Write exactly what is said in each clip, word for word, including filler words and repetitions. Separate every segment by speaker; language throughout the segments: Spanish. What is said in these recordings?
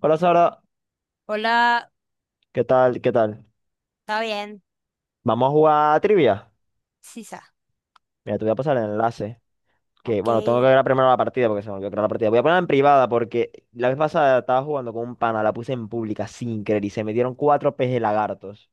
Speaker 1: Hola, Sara.
Speaker 2: Hola,
Speaker 1: ¿Qué tal? ¿Qué tal?
Speaker 2: está bien.
Speaker 1: Vamos a jugar a trivia.
Speaker 2: Sisa,
Speaker 1: Mira, te voy a pasar el enlace. Que
Speaker 2: ok.
Speaker 1: bueno, tengo que crear primero la partida porque se me olvidó crear la partida. Voy a ponerla en privada porque la vez pasada estaba jugando con un pana, la puse en pública sin querer y se me dieron cuatro peje lagartos.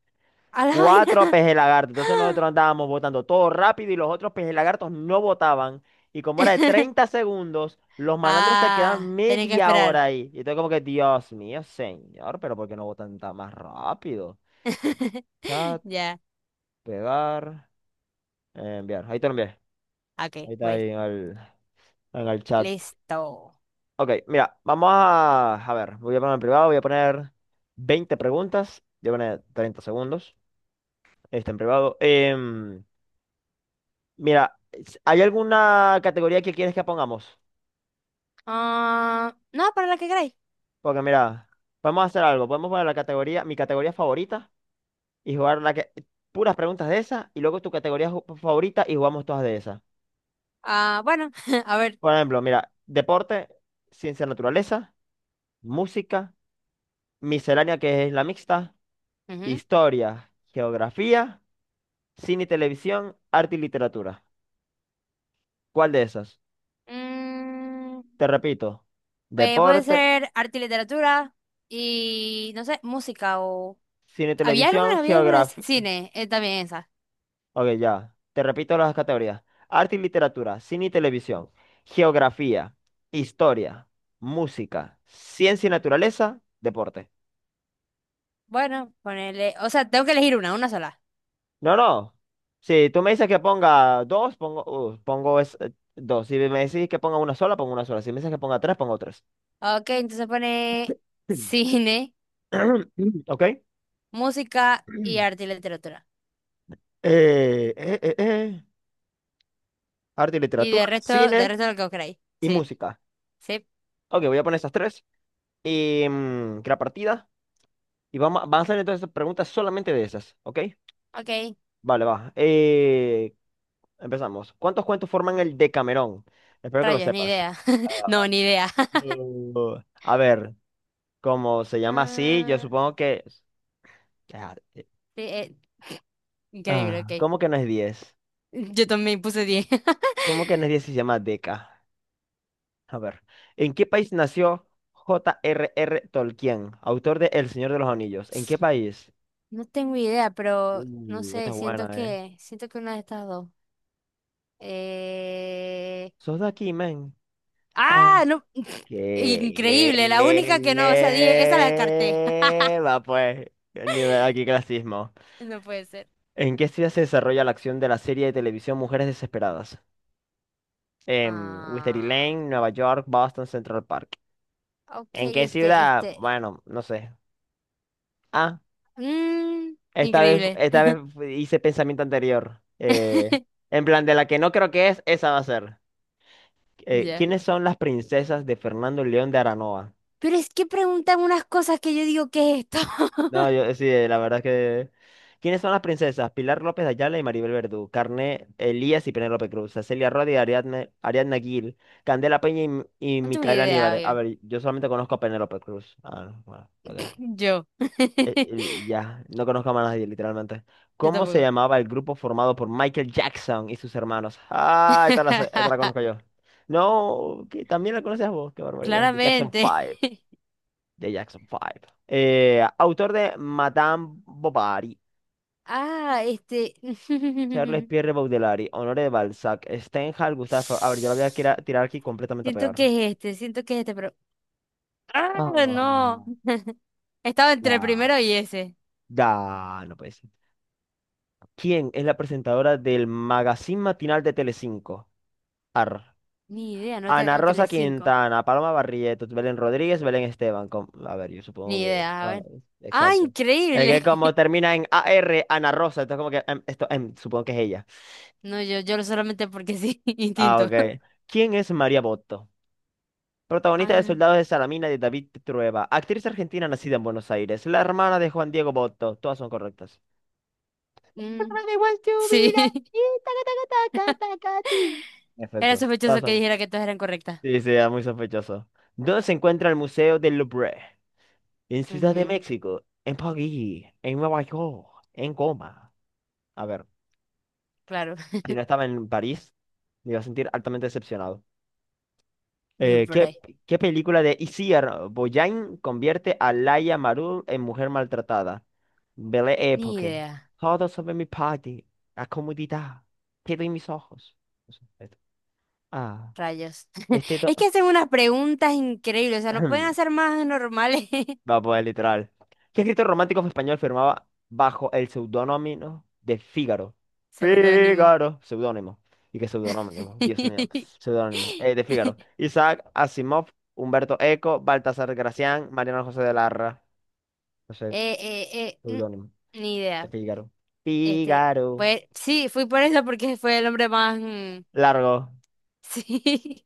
Speaker 2: A la
Speaker 1: Cuatro
Speaker 2: vaina.
Speaker 1: peje lagartos. Entonces nosotros andábamos votando todo rápido y los otros peje lagartos no votaban. Y como era de treinta segundos, los malandros se
Speaker 2: Ah,
Speaker 1: quedaban
Speaker 2: tenía que
Speaker 1: media
Speaker 2: esperar.
Speaker 1: hora ahí. Y entonces como que, Dios mío, señor, ¿pero por qué no votan tan más rápido? Chat,
Speaker 2: Ya,
Speaker 1: pegar. Eh, Enviar, ahí te lo envié. Ahí
Speaker 2: ok,
Speaker 1: está
Speaker 2: voy.
Speaker 1: ahí en el, en el chat.
Speaker 2: Listo.
Speaker 1: Ok, mira, vamos a, a ver, voy a poner en privado, voy a poner veinte preguntas, voy a poner treinta segundos, está en privado. Em, mira, s- ¿hay alguna categoría que quieres que pongamos?
Speaker 2: Ah, no, para la que queráis.
Speaker 1: Porque mira, podemos hacer algo, podemos poner la categoría, mi categoría favorita y jugar la que, puras preguntas de esas y luego tu categoría ju- favorita y jugamos todas de esas.
Speaker 2: Ah, bueno, a ver.
Speaker 1: Por ejemplo, mira, deporte, ciencia, naturaleza, música, miscelánea, que es la mixta.
Speaker 2: Ujú.
Speaker 1: Historia, geografía, cine y televisión, arte y literatura. ¿Cuál de esas?
Speaker 2: Mm,
Speaker 1: Te repito,
Speaker 2: eh, puede
Speaker 1: deporte,
Speaker 2: ser arte y literatura y, no sé, música o...
Speaker 1: cine y
Speaker 2: ¿Había
Speaker 1: televisión,
Speaker 2: alguna? ¿Había alguna de c-
Speaker 1: geografía.
Speaker 2: cine? Eh, también esa.
Speaker 1: Ok, ya. Te repito las categorías. Arte y literatura, cine y televisión, geografía, historia, música, ciencia y naturaleza, deporte.
Speaker 2: Bueno, ponele... O sea, tengo que elegir una, una sola.
Speaker 1: No, no. Si tú me dices que ponga dos, pongo, uh, pongo es- eh, dos. Si me decís que ponga una sola, pongo una sola. Si me dices que ponga tres, pongo tres.
Speaker 2: Ok, entonces pone cine,
Speaker 1: ¿Ok?
Speaker 2: música y arte y literatura.
Speaker 1: Eh, eh, eh, eh, arte y
Speaker 2: Y de
Speaker 1: literatura,
Speaker 2: resto, de
Speaker 1: cine
Speaker 2: resto lo que vos queráis.
Speaker 1: y
Speaker 2: Sí,
Speaker 1: música.
Speaker 2: sí.
Speaker 1: Ok, voy a poner esas tres. Y mm, que partida. Y vamos, a- van a hacer entonces preguntas solamente de esas, ¿ok?
Speaker 2: Ok,
Speaker 1: Vale, va. Eh, empezamos. ¿Cuántos cuentos forman el Decamerón? Espero que lo
Speaker 2: rayos, ni
Speaker 1: sepas.
Speaker 2: idea.
Speaker 1: Ah,
Speaker 2: No, ni idea.
Speaker 1: no. A ver, como se llama así, yo
Speaker 2: Ah,
Speaker 1: supongo que... Ah, eh,
Speaker 2: sí, eh, increíble,
Speaker 1: ah,
Speaker 2: ok.
Speaker 1: ¿cómo que no es diez?
Speaker 2: Yo también puse diez.
Speaker 1: ¿Cómo que no es diez, si se llama Deca? A ver, ¿en qué país nació J R R. Tolkien, autor de El Señor de los Anillos? ¿En qué país?
Speaker 2: No tengo idea, pero no
Speaker 1: Uh, esta
Speaker 2: sé,
Speaker 1: es
Speaker 2: siento
Speaker 1: buena, ¿eh?
Speaker 2: que, siento que una de estas dos. Eh...
Speaker 1: ¿Sos de aquí, men? Ah.
Speaker 2: Ah, no.
Speaker 1: ¿Qué?
Speaker 2: Increíble, la única que no, o sea, diez. Esa la descarté.
Speaker 1: Va, pues, nivel aquí clasismo.
Speaker 2: No puede ser.
Speaker 1: ¿En qué ciudad se desarrolla la acción de la serie de televisión Mujeres Desesperadas? En Wisteria
Speaker 2: Ah,
Speaker 1: Lane, Nueva York, Boston, Central Park.
Speaker 2: ok,
Speaker 1: ¿En qué
Speaker 2: este,
Speaker 1: ciudad?
Speaker 2: este.
Speaker 1: Bueno, no sé. A.
Speaker 2: Mm,
Speaker 1: Esta vez,
Speaker 2: increíble.
Speaker 1: esta vez hice pensamiento anterior. Eh, en plan, de la que no creo que es, esa va a ser. Eh,
Speaker 2: Ya.
Speaker 1: ¿quiénes son las princesas de Fernando León de Aranoa?
Speaker 2: Pero es que preguntan unas cosas que yo digo, ¿qué es esto?
Speaker 1: No, yo sí, eh, la verdad es que. ¿Quiénes son las princesas? Pilar López de Ayala y Maribel Verdú. Carné Elías y Penélope Cruz. Cecilia Rodi y Ariadne- Ariadna Gil. Candela Peña y, M- y
Speaker 2: No tengo
Speaker 1: Micaela
Speaker 2: idea,
Speaker 1: Aníbal. A
Speaker 2: oiga.
Speaker 1: ver, yo solamente conozco a Penélope Cruz. Ah, no, bueno, ok.
Speaker 2: Yo.
Speaker 1: Eh, eh, ya, no conozco a más nadie, literalmente.
Speaker 2: Yo
Speaker 1: ¿Cómo se
Speaker 2: tampoco.
Speaker 1: llamaba el grupo formado por Michael Jackson y sus hermanos? Ah, esta la, sé- esta la conozco yo. No, que también la conoces, vos, qué barbaridad. The Jackson
Speaker 2: Claramente.
Speaker 1: Five. The Jackson Five. Eh, autor de Madame Bovary:
Speaker 2: Ah, este.
Speaker 1: Charles Pierre Baudelaire, Honoré de Balzac, Stendhal, Gustave Flaubert. A ver, yo la voy a
Speaker 2: Siento
Speaker 1: tirar, tirar aquí completamente peor.
Speaker 2: que es este, siento que es este, pero. ¡Ah, no!
Speaker 1: Ah,
Speaker 2: Estaba entre el primero
Speaker 1: ah.
Speaker 2: y ese.
Speaker 1: Da, no puede ser. ¿Quién es la presentadora del magazine matinal de Telecinco? Ar.
Speaker 2: Ni idea, no
Speaker 1: Ana
Speaker 2: tengo
Speaker 1: Rosa
Speaker 2: Telecinco.
Speaker 1: Quintana, Paloma Barrientos, Belén Rodríguez, Belén Esteban. com- A ver, yo supongo
Speaker 2: Ni
Speaker 1: que.
Speaker 2: idea, a
Speaker 1: ah,
Speaker 2: ver. ¡Ah,
Speaker 1: exacto. Es que
Speaker 2: increíble!
Speaker 1: como termina en A R, Ana Rosa, entonces como que em, esto, em, supongo que es ella.
Speaker 2: No, yo, yo solamente porque sí,
Speaker 1: Ah,
Speaker 2: instinto.
Speaker 1: ok. ¿Quién es María Botto? Protagonista de
Speaker 2: Ah,
Speaker 1: Soldados de Salamina de David Trueba, actriz argentina nacida en Buenos Aires, la hermana de Juan Diego Botto. Todas son correctas.
Speaker 2: mm,
Speaker 1: Everybody wants to be like
Speaker 2: sí.
Speaker 1: you, taca, taca, taca, taca, ti.
Speaker 2: Era
Speaker 1: Perfecto. Todas
Speaker 2: sospechoso que
Speaker 1: son.
Speaker 2: dijera que todas eran correctas.
Speaker 1: Sí, sí, es muy sospechoso. ¿Dónde se encuentra el Museo del Louvre? En Ciudad de
Speaker 2: Ujú,
Speaker 1: México, en París, en Nueva York, en Goma. A ver,
Speaker 2: claro.
Speaker 1: si no estaba en París, me iba a sentir altamente decepcionado. Eh, ¿qué,
Speaker 2: Louvre.
Speaker 1: qué película de Isier Boyain convierte a Laia Marul en mujer maltratada? Belle
Speaker 2: Ni
Speaker 1: Époque.
Speaker 2: idea.
Speaker 1: Todo sobre mi party. La comodidad. Quedo en mis ojos. No sé, esto. Ah,
Speaker 2: Rayos.
Speaker 1: este do...
Speaker 2: Es que hacen unas preguntas increíbles. O sea, no pueden hacer más normales.
Speaker 1: Va, a poder literal. ¿Qué escritor romántico español firmaba bajo el seudónimo de Fígaro?
Speaker 2: Seudónimo.
Speaker 1: Fígaro, seudónimo. ¿Y qué seudónimo? Dios mío, seudónimo. eh, de Fígaro. Isaac Asimov, Humberto Eco, Baltasar Gracián, Mariano José de Larra. No sé,
Speaker 2: Eh, eh, eh,
Speaker 1: seudónimo.
Speaker 2: mm, ni
Speaker 1: De
Speaker 2: idea.
Speaker 1: Fígaro.
Speaker 2: Este,
Speaker 1: Fígaro.
Speaker 2: pues sí, fui por eso porque fue el hombre más. Mm,
Speaker 1: Largo.
Speaker 2: sí.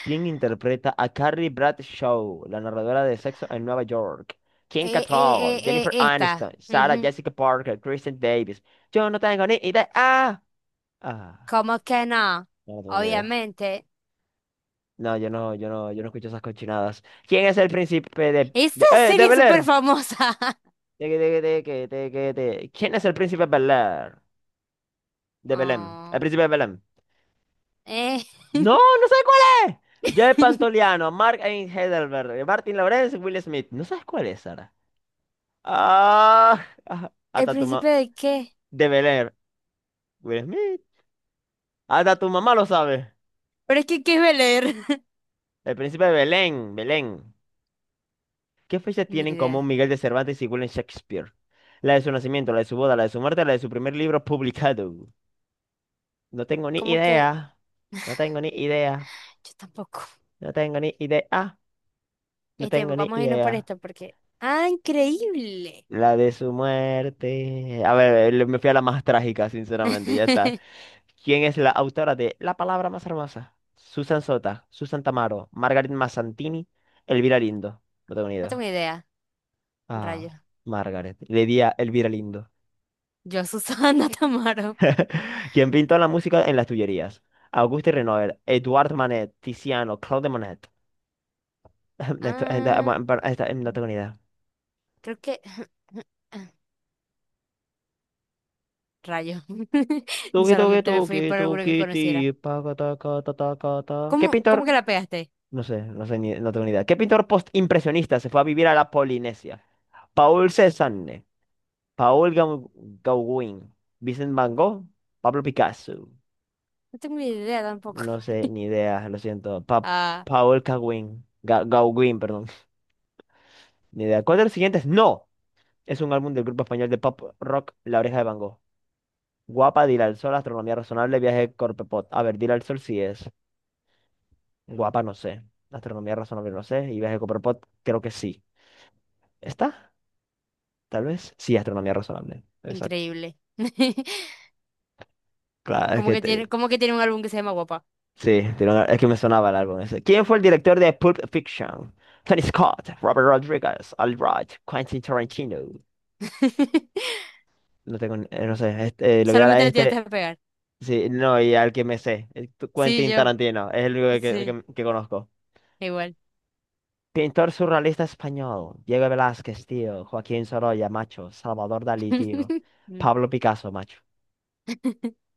Speaker 1: ¿Quién interpreta a Carrie Bradshaw, la narradora de Sexo en Nueva York? Kim
Speaker 2: Eh, eh,
Speaker 1: Cattrall,
Speaker 2: eh, eh,
Speaker 1: Jennifer Aniston,
Speaker 2: esta.
Speaker 1: Sarah
Speaker 2: Ujú.
Speaker 1: Jessica Parker, Kristen Davis. Yo no tengo ni idea. Ah, ah,
Speaker 2: ¿Cómo que no?
Speaker 1: yo no tengo ni idea.
Speaker 2: Obviamente.
Speaker 1: No, yo no, yo no, yo no escucho esas cochinadas. ¿Quién es el príncipe de,
Speaker 2: Esta
Speaker 1: de, eh, de
Speaker 2: serie es
Speaker 1: Bel
Speaker 2: súper
Speaker 1: Air?
Speaker 2: famosa.
Speaker 1: De, de, de, de, de, de- de- que- de- ¿Quién es el príncipe de Bel Air? De Belém. El
Speaker 2: Oh,
Speaker 1: príncipe de Belém.
Speaker 2: eh.
Speaker 1: No, no sé cuál es. Joe Pantoliano, Mark Ain Heidelberg, Martin Lawrence, Will Smith. ¿No sabes cuál es, Sara? Ah, ah,
Speaker 2: ¿El
Speaker 1: hasta tu mamá.
Speaker 2: príncipe de qué?
Speaker 1: De Belén. Will Smith. Hasta tu mamá lo sabe.
Speaker 2: Pero es que, ¿qué iba a leer?
Speaker 1: El príncipe de Belén. Belén. ¿Qué fecha
Speaker 2: Ni
Speaker 1: tienen en común
Speaker 2: idea.
Speaker 1: Miguel de Cervantes y William Shakespeare? La de su nacimiento, la de su boda, la de su muerte, la de su primer libro publicado. No tengo ni
Speaker 2: ¿Cómo que?
Speaker 1: idea. No tengo ni idea.
Speaker 2: Yo tampoco.
Speaker 1: No tengo ni idea. No
Speaker 2: Este,
Speaker 1: tengo ni
Speaker 2: vamos a irnos por
Speaker 1: idea.
Speaker 2: esto porque... ¡Ah, increíble!
Speaker 1: La de su muerte. A ver, le- me fui a la más trágica, sinceramente. Ya está. ¿Quién es la autora de La palabra más hermosa? Susan Sota, Susan Tamaro, Margaret Mazzantini, Elvira Lindo. No tengo ni
Speaker 2: No tengo
Speaker 1: idea.
Speaker 2: idea.
Speaker 1: Ah,
Speaker 2: Rayos.
Speaker 1: Margaret. Le di a Elvira Lindo.
Speaker 2: Yo, Susana Tamaro.
Speaker 1: ¿Quién pintó La música en las Tullerías? Auguste Renoir, Edouard Manet, Tiziano, Claude Monet. Esto- esta-
Speaker 2: Ah,
Speaker 1: bueno, pero esta, eh, no tengo ni idea.
Speaker 2: creo que... Rayo.
Speaker 1: Tuki, tuki,
Speaker 2: Solamente me
Speaker 1: tuki,
Speaker 2: fui por alguno
Speaker 1: tuki,
Speaker 2: que
Speaker 1: ti,
Speaker 2: conociera.
Speaker 1: pa, ca, ta, ca, ta. ¿Qué
Speaker 2: ¿Cómo, cómo
Speaker 1: pintor?
Speaker 2: que la pegaste?
Speaker 1: No sé, no sé ni, no tengo ni idea. ¿Qué pintor postimpresionista se fue a vivir a la Polinesia? Paul Cézanne. Paul Gau- Gauguin, Vincent Van Gogh, Pablo Picasso.
Speaker 2: No tengo ni idea tampoco.
Speaker 1: No sé, ni idea, lo siento. Pa-
Speaker 2: Ah,
Speaker 1: Paul Gauguin, Ga- Gauguin, perdón. Ni idea. ¿Cuál de los siguientes? No. Es un álbum del grupo español de pop rock La Oreja de Van Gogh. Guapa, Dile al Sol, Astronomía Razonable, Viaje Corpepot. A ver, Dile al Sol sí es. Guapa, no sé. Astronomía Razonable, no sé. Y Viaje Corpepot, creo que sí. ¿Está? Tal vez. Sí, Astronomía Razonable. Exacto.
Speaker 2: increíble.
Speaker 1: Claro, es
Speaker 2: Como
Speaker 1: que
Speaker 2: que tiene,
Speaker 1: te-
Speaker 2: como que tiene un álbum que se llama Guapa.
Speaker 1: Sí, tiene una- es que me sonaba el álbum ese. ¿Quién fue el director de Pulp Fiction? Tony Scott, Robert Rodriguez, Al Wright, Quentin Tarantino. No tengo, ni- eh, no sé, este, eh, le voy a dar a
Speaker 2: Solamente le tienes
Speaker 1: este.
Speaker 2: que pegar.
Speaker 1: Sí, no, y al que me sé, el tu-
Speaker 2: Sí,
Speaker 1: Quentin
Speaker 2: yo.
Speaker 1: Tarantino, es el único que,
Speaker 2: Sí,
Speaker 1: que- que conozco.
Speaker 2: igual.
Speaker 1: Pintor surrealista español: Diego Velázquez, tío, Joaquín Sorolla, macho, Salvador Dalí, tío,
Speaker 2: Mm.
Speaker 1: Pablo Picasso, macho.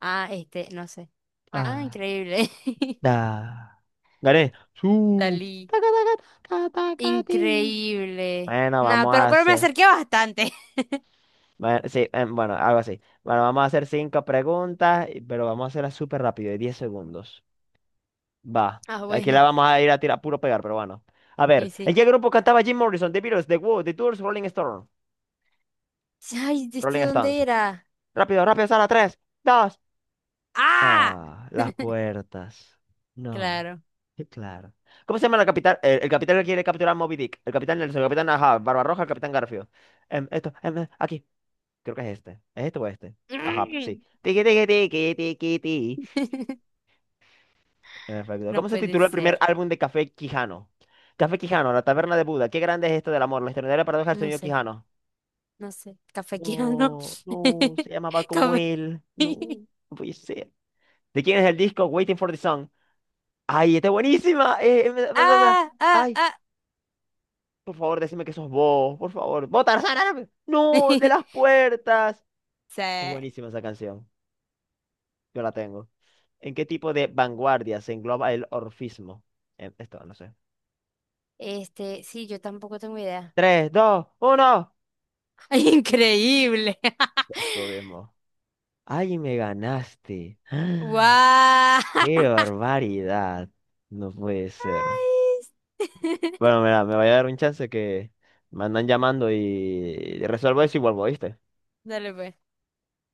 Speaker 2: Ah, este, no sé. Ah,
Speaker 1: Ah,
Speaker 2: increíble.
Speaker 1: da. Gané. Su.
Speaker 2: Dalí.
Speaker 1: Taca, taca, taca, taca, ti.
Speaker 2: Increíble.
Speaker 1: Bueno,
Speaker 2: Nada,
Speaker 1: vamos a
Speaker 2: pero, pero me
Speaker 1: hacer.
Speaker 2: acerqué bastante.
Speaker 1: Bueno, sí, em, bueno, algo así. Bueno, vamos a hacer cinco preguntas, y- pero vamos a hacerlas súper rápido, de diez segundos. Va.
Speaker 2: Ah,
Speaker 1: Aquí la
Speaker 2: bueno.
Speaker 1: vamos a ir a tirar puro pegar, pero bueno. A ver,
Speaker 2: Y
Speaker 1: ¿en
Speaker 2: sí.
Speaker 1: qué grupo cantaba Jim Morrison? The Beatles, The Who, The Doors, Rolling Stone.
Speaker 2: Ay, ¿este
Speaker 1: Rolling Stones.
Speaker 2: dónde era?
Speaker 1: Rápido, rápido, Sara, tres, dos.
Speaker 2: ¡Ah!
Speaker 1: Ah, las puertas. No,
Speaker 2: Claro.
Speaker 1: qué claro. ¿Cómo se llama la capital? El, el capitán que quiere capturar a Moby Dick. El capitán Nelson, el capitán Ahab, Barbarroja, el capitán Garfio. Em, esto, em, eh, aquí. Creo que es este. ¿Es este o este? Ajá, sí. Tiki, tiki, tiki, tiki, ti. En efecto.
Speaker 2: No
Speaker 1: ¿Cómo se
Speaker 2: puede
Speaker 1: tituló el primer
Speaker 2: ser.
Speaker 1: álbum de Café Quijano? Café Quijano, La Taberna de Buda. Qué grande es esto del amor, la extraordinaria paradoja del
Speaker 2: No
Speaker 1: señor
Speaker 2: sé.
Speaker 1: Quijano.
Speaker 2: No sé, cafequeando.
Speaker 1: No, no, se llamaba como
Speaker 2: Café.
Speaker 1: él. No, no puede ser. ¿De quién es el disco Waiting for the Sun? ¡Ay, está buenísima! Eh, eh, da, da, da.
Speaker 2: Ah, ah,
Speaker 1: ¡Ay!
Speaker 2: ah.
Speaker 1: Por favor, decime que sos vos, por favor. ¡Vos, Tarzán árabe! ¡No! No. No, ¡de las puertas!
Speaker 2: Sí,
Speaker 1: Es buenísima esa canción. Yo la tengo. ¿En qué tipo de vanguardia se engloba el orfismo? Eh, Esto, no sé.
Speaker 2: este, sí, yo tampoco tengo idea.
Speaker 1: Tres, dos, uno.
Speaker 2: Increíble.
Speaker 1: Descubrimos. Ay, me ganaste.
Speaker 2: ¡Guau!
Speaker 1: ¡Qué barbaridad! No puede ser. Bueno, mira, me voy a dar un chance que me andan llamando y resuelvo eso y vuelvo, ¿viste?
Speaker 2: Dale pues.